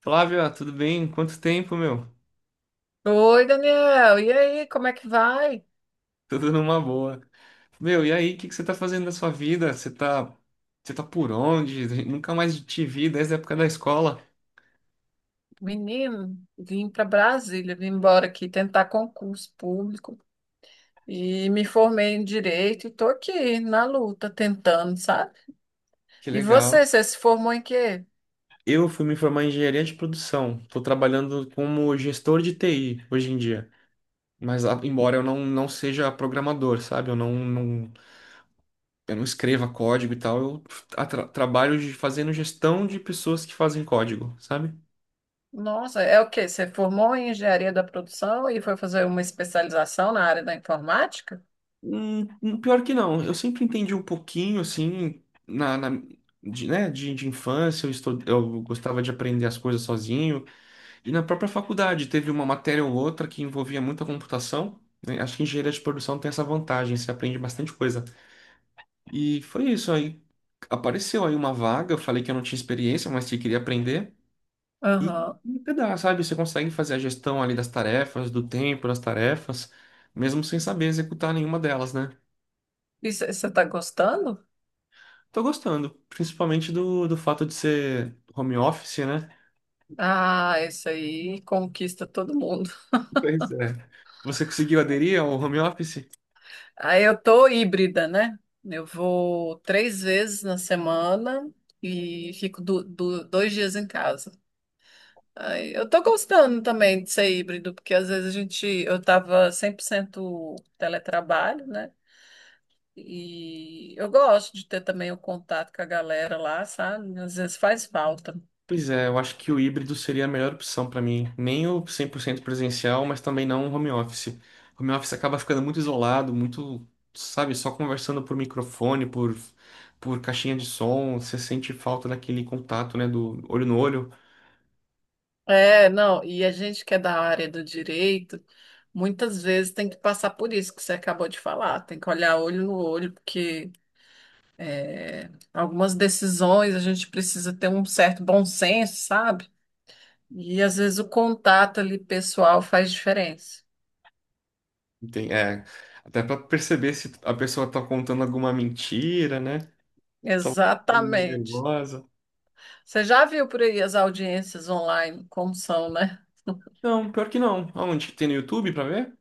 Flávia, tudo bem? Quanto tempo, meu? Oi, Daniel. E aí, como é que vai? Tudo numa boa. Meu, e aí, o que que você tá fazendo da sua vida? Você tá por onde? Nunca mais te vi desde a época da escola. Menino, vim para Brasília, vim embora aqui tentar concurso público e me formei em direito e tô aqui na luta tentando, sabe? Que E legal. você se formou em quê? Eu fui me formar em engenharia de produção. Estou trabalhando como gestor de TI hoje em dia. Mas embora eu não seja programador, sabe? Eu não escreva código e tal. Eu trabalho de, fazendo gestão de pessoas que fazem código, sabe? Nossa, é o quê? Você formou em engenharia da produção e foi fazer uma especialização na área da informática? Pior que não. Eu sempre entendi um pouquinho, assim, de, né, de infância, eu, eu gostava de aprender as coisas sozinho. E na própria faculdade, teve uma matéria ou outra que envolvia muita computação, né? Acho que engenharia de produção tem essa vantagem, você aprende bastante coisa. E foi isso aí. Apareceu aí uma vaga, eu falei que eu não tinha experiência, mas que queria aprender. E Aham. até dá, sabe? Você consegue fazer a gestão ali das tarefas, do tempo das tarefas, mesmo sem saber executar nenhuma delas, né? E você está gostando? Tô gostando, principalmente do fato de ser home office, né? Ah, isso aí conquista todo mundo. Pois é. Você conseguiu aderir ao home office? Aí eu tô híbrida, né? Eu vou três vezes na semana e fico dois dias em casa. Aí eu tô gostando também de ser híbrido, porque às vezes a gente, eu tava 100% teletrabalho, né? E eu gosto de ter também o contato com a galera lá, sabe? Às vezes faz falta. Pois é, eu acho que o híbrido seria a melhor opção pra mim. Nem o 100% presencial, mas também não o home office. Home office acaba ficando muito isolado, muito, sabe, só conversando por microfone, por caixinha de som. Você sente falta daquele contato, né, do olho no olho. É, não, e a gente que é da área do direito, muitas vezes tem que passar por isso que você acabou de falar, tem que olhar olho no olho, porque é, algumas decisões a gente precisa ter um certo bom senso, sabe? E às vezes o contato ali pessoal faz diferença. É, até pra perceber se a pessoa tá contando alguma mentira, né? Só tá ficando meio Exatamente. nervosa. Você já viu por aí as audiências online, como são, né? Não, pior que não. Aonde que tem no YouTube pra ver?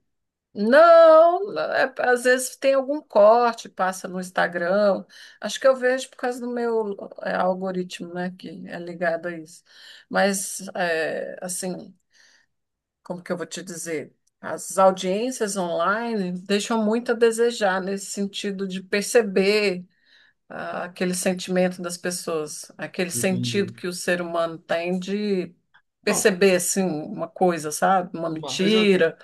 Não, às vezes tem algum corte, passa no Instagram. Acho que eu vejo por causa do meu algoritmo, né, que é ligado a isso. Mas, é, assim, como que eu vou te dizer? As audiências online deixam muito a desejar nesse sentido de perceber ah, aquele sentimento das pessoas, aquele sentido Entendi. que o ser humano tem de Não. perceber assim uma coisa, sabe? Uma Uma vez eu, mentira.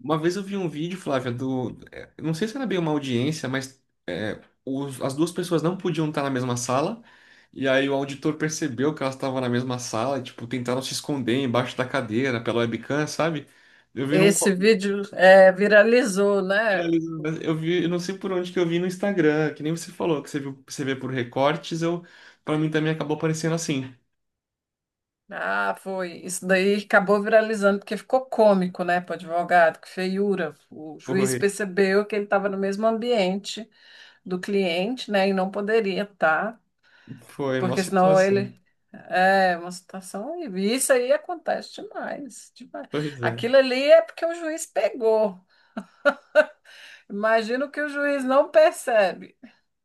uma vez eu vi um vídeo, Flávia, do. É, eu não sei se era bem uma audiência, mas é, as duas pessoas não podiam estar na mesma sala, e aí o auditor percebeu que elas estavam na mesma sala, e, tipo, tentaram se esconder embaixo da cadeira pela webcam, sabe? Eu vi Esse vídeo é, viralizou, né? viralizou, né? Eu vi, eu não sei por onde que eu vi no Instagram, que nem você falou, que você viu, você vê por recortes, eu, pra mim também acabou aparecendo assim. Ah, foi. Isso daí acabou viralizando porque ficou cômico, né, para o advogado, que feiura. O juiz Foi, percebeu que ele estava no mesmo ambiente do cliente, né? E não poderia estar, foi uma porque senão situação. ele. É uma situação horrível. E isso aí acontece demais, demais. Pois é. Aquilo ali é porque o juiz pegou. Imagino que o juiz não percebe.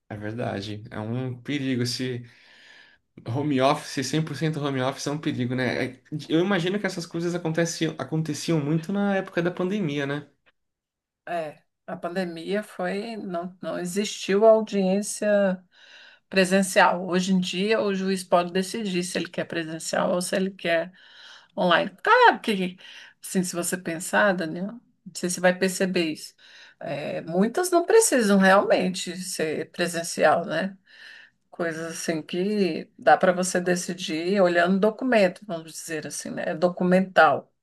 É verdade, é um perigo. Esse home office, 100% home office é um perigo, né? Eu imagino que essas coisas aconteciam muito na época da pandemia, né? É, a pandemia foi, não existiu audiência presencial. Hoje em dia, o juiz pode decidir se ele quer presencial ou se ele quer online. Claro que, assim, se você pensar, Daniel, não sei se você vai perceber isso. É, muitas não precisam realmente ser presencial, né? Coisas assim que dá para você decidir olhando o documento, vamos dizer assim, né? É documental.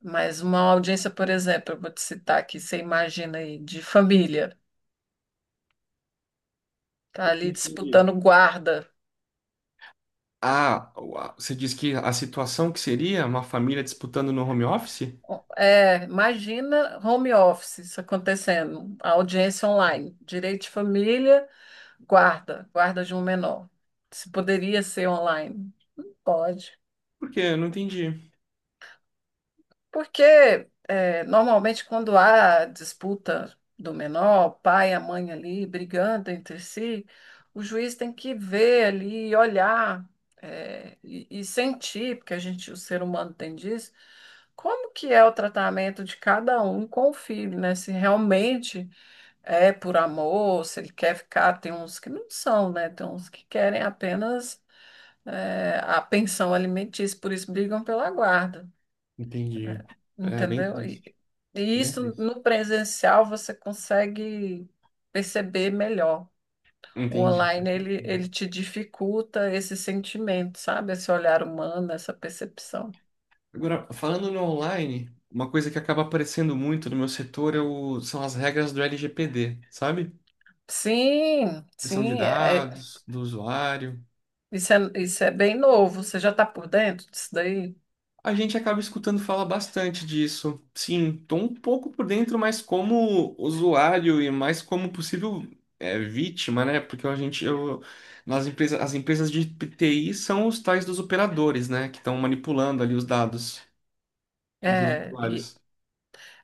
Mas uma audiência, por exemplo, eu vou te citar aqui, você imagina aí, de família, tá ali Entendi. disputando guarda. Ah, você diz que a situação que seria uma família disputando no home office? É, imagina home office isso acontecendo, a audiência online, direito de família. Guarda, guarda de um menor. Se poderia ser online, pode. Por quê? Eu não entendi. Porque é, normalmente quando há disputa do menor, o pai e a mãe ali brigando entre si, o juiz tem que ver ali, olhar é, e sentir, porque a gente, o ser humano tem disso, como que é o tratamento de cada um com o filho, né? Se realmente é por amor, se ele quer ficar, tem uns que não são, né? Tem uns que querem apenas é, a pensão alimentícia, por isso brigam pela guarda, Entendi. né? É bem Entendeu? Triste, E bem isso triste. no presencial você consegue perceber melhor. O Entendi. online ele, ele te dificulta esse sentimento, sabe? Esse olhar humano, essa percepção. Agora, falando no online, uma coisa que acaba aparecendo muito no meu setor é são as regras do LGPD, sabe? Sim, Proteção de sim, dados, do usuário. Isso é bem novo. Você já está por dentro disso daí? A gente acaba escutando falar bastante disso. Sim, estou um pouco por dentro, mas como usuário e mais como possível, é, vítima, né? Porque a gente, eu, nas empresas, as empresas de TI são os tais dos operadores, né? Que estão manipulando ali os dados dos É, e usuários.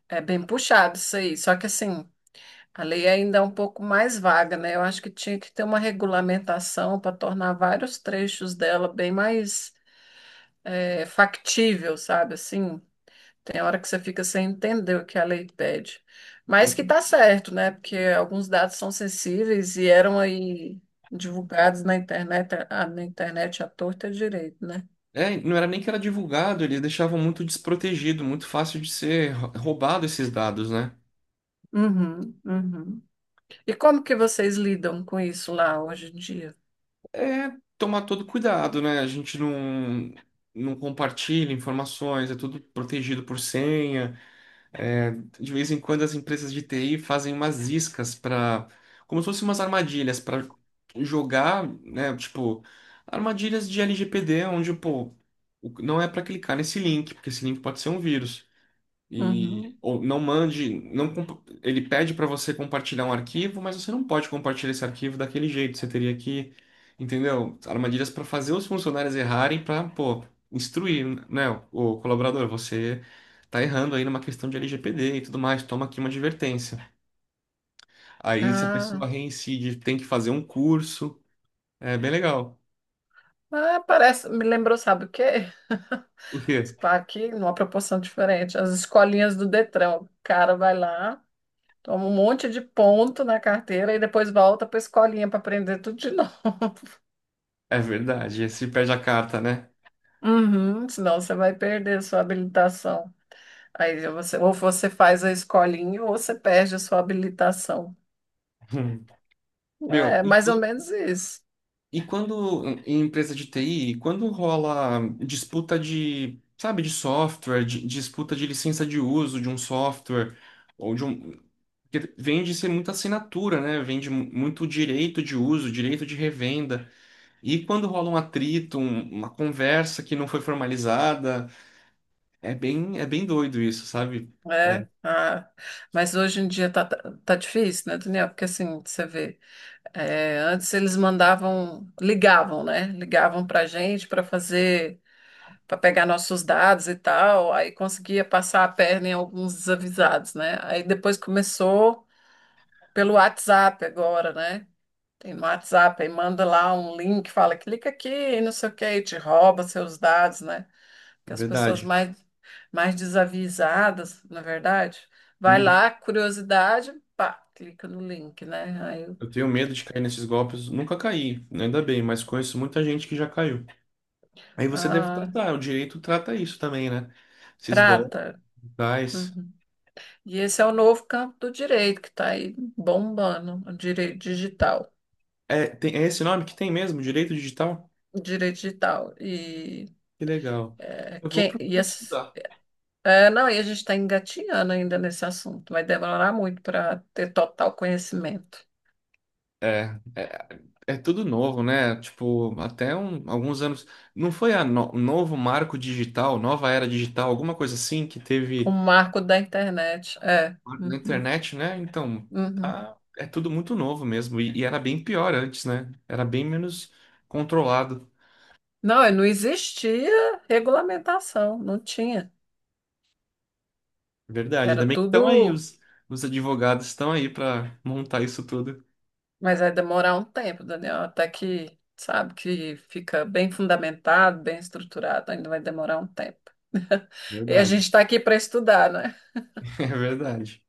é bem puxado isso aí. Só que assim. A lei ainda é um pouco mais vaga, né? Eu acho que tinha que ter uma regulamentação para tornar vários trechos dela bem mais factível, sabe? Assim, tem hora que você fica sem entender o que a lei pede. Mas que tá certo, né? Porque alguns dados são sensíveis e eram aí divulgados na internet, ah, na internet à torta e à direito, né? É, não era nem que era divulgado, eles deixavam muito desprotegido, muito fácil de ser roubado esses dados, né? Uhum, uhum. E como que vocês lidam com isso lá hoje em dia? É tomar todo cuidado, né? A gente não, não compartilha informações, é tudo protegido por senha. De vez em quando as empresas de TI fazem umas iscas para, como se fossem umas armadilhas para jogar, né, tipo, armadilhas de LGPD, onde, pô, não é para clicar nesse link, porque esse link pode ser um vírus. E Uhum. ou não mande, não comp- ele pede para você compartilhar um arquivo, mas você não pode compartilhar esse arquivo daquele jeito. Você teria que, entendeu? Armadilhas para fazer os funcionários errarem para, pô, instruir, né, o colaborador, você tá errando aí numa questão de LGPD e tudo mais, toma aqui uma advertência. Aí se a Ah, pessoa reincide, tem que fazer um curso. É bem legal. ah, parece, me lembrou, sabe o quê? O quê? Claro que numa proporção diferente. As escolinhas do Detran, o cara vai lá, toma um monte de ponto na carteira e depois volta para a escolinha para aprender tudo de novo. É verdade, se perde a carta, né? Uhum, senão você vai perder a sua habilitação. Aí você, ou você faz a escolinha ou você perde a sua habilitação. Meu, É e mais ou menos isso. E quando, em empresa de TI, quando rola disputa de, sabe, de software, disputa de licença de uso de um software, ou de um, porque vem de ser muita assinatura, né? Vem de muito direito de uso, direito de revenda. E quando rola um atrito, uma conversa que não foi formalizada, é bem doido isso, sabe? É, É, ah, mas hoje em dia tá, tá tá difícil, né, Daniel? Porque assim, você vê, é, antes eles mandavam, ligavam, né? Ligavam pra gente para fazer para pegar nossos dados e tal, aí conseguia passar a perna em alguns desavisados, né? Aí depois começou pelo WhatsApp agora, né? Tem no WhatsApp, aí manda lá um link, fala, clica aqui, e não sei o quê, e te rouba seus dados, né? Que as pessoas verdade. mais, mais desavisadas, na verdade, vai Hum, lá, curiosidade, pá, clica no link, né? Aí, Eu tenho medo de cair nesses golpes. Nunca caí, ainda bem, mas conheço muita gente que já caiu. Aí você deve ah, tratar, o direito trata isso também, né? Esses golpes trata. digitais. Uhum. E esse é o novo campo do direito que está aí bombando, o direito digital. É, tem, é esse nome que tem mesmo, direito digital? Direito digital. E, Que legal. é, Eu vou quem, e procurar estudar. é, não, e a gente está engatinhando ainda nesse assunto. Vai demorar muito para ter total conhecimento. É, é, é tudo novo, né? Tipo, até alguns anos. Não foi a novo marco digital, nova era digital, alguma coisa assim que O teve marco da internet. É. na Uhum, internet, né? Então, uhum. tá, é tudo muito novo mesmo. E era bem pior antes, né? Era bem menos controlado. Não, e não existia regulamentação, não tinha. Verdade. Era Ainda bem que estão aí, tudo. Os advogados estão aí para montar isso tudo. Mas vai demorar um tempo, Daniel, até que, sabe, que fica bem fundamentado, bem estruturado, ainda vai demorar um tempo. E a Verdade. gente está aqui para estudar, né? É verdade.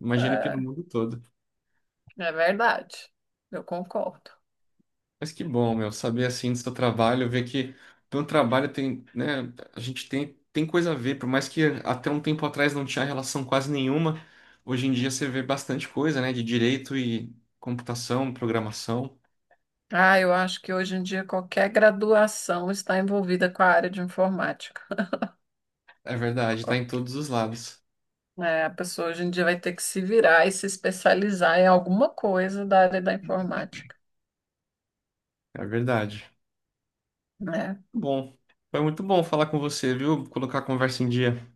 Imagino que no É. mundo todo. É verdade, eu concordo. Mas que bom, meu, saber assim do seu trabalho, ver que teu trabalho tem, né, a gente tem, tem coisa a ver, por mais que até um tempo atrás não tinha relação quase nenhuma, hoje em dia você vê bastante coisa, né, de direito e computação, programação. Ah, eu acho que hoje em dia qualquer graduação está envolvida com a área de informática. É verdade, tá Co- em todos os lados. É, a pessoa hoje em dia vai ter que se virar e se especializar em alguma coisa da área da informática, É verdade. né? Bom, foi muito bom falar com você, viu? Colocar a conversa em dia.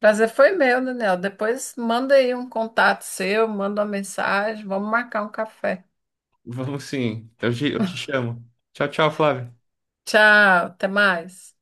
Prazer foi meu, Daniel. Depois manda aí um contato seu, manda uma mensagem, vamos marcar um café. Vamos sim. Eu te chamo. Tchau, tchau, Flávio. Tchau, até mais.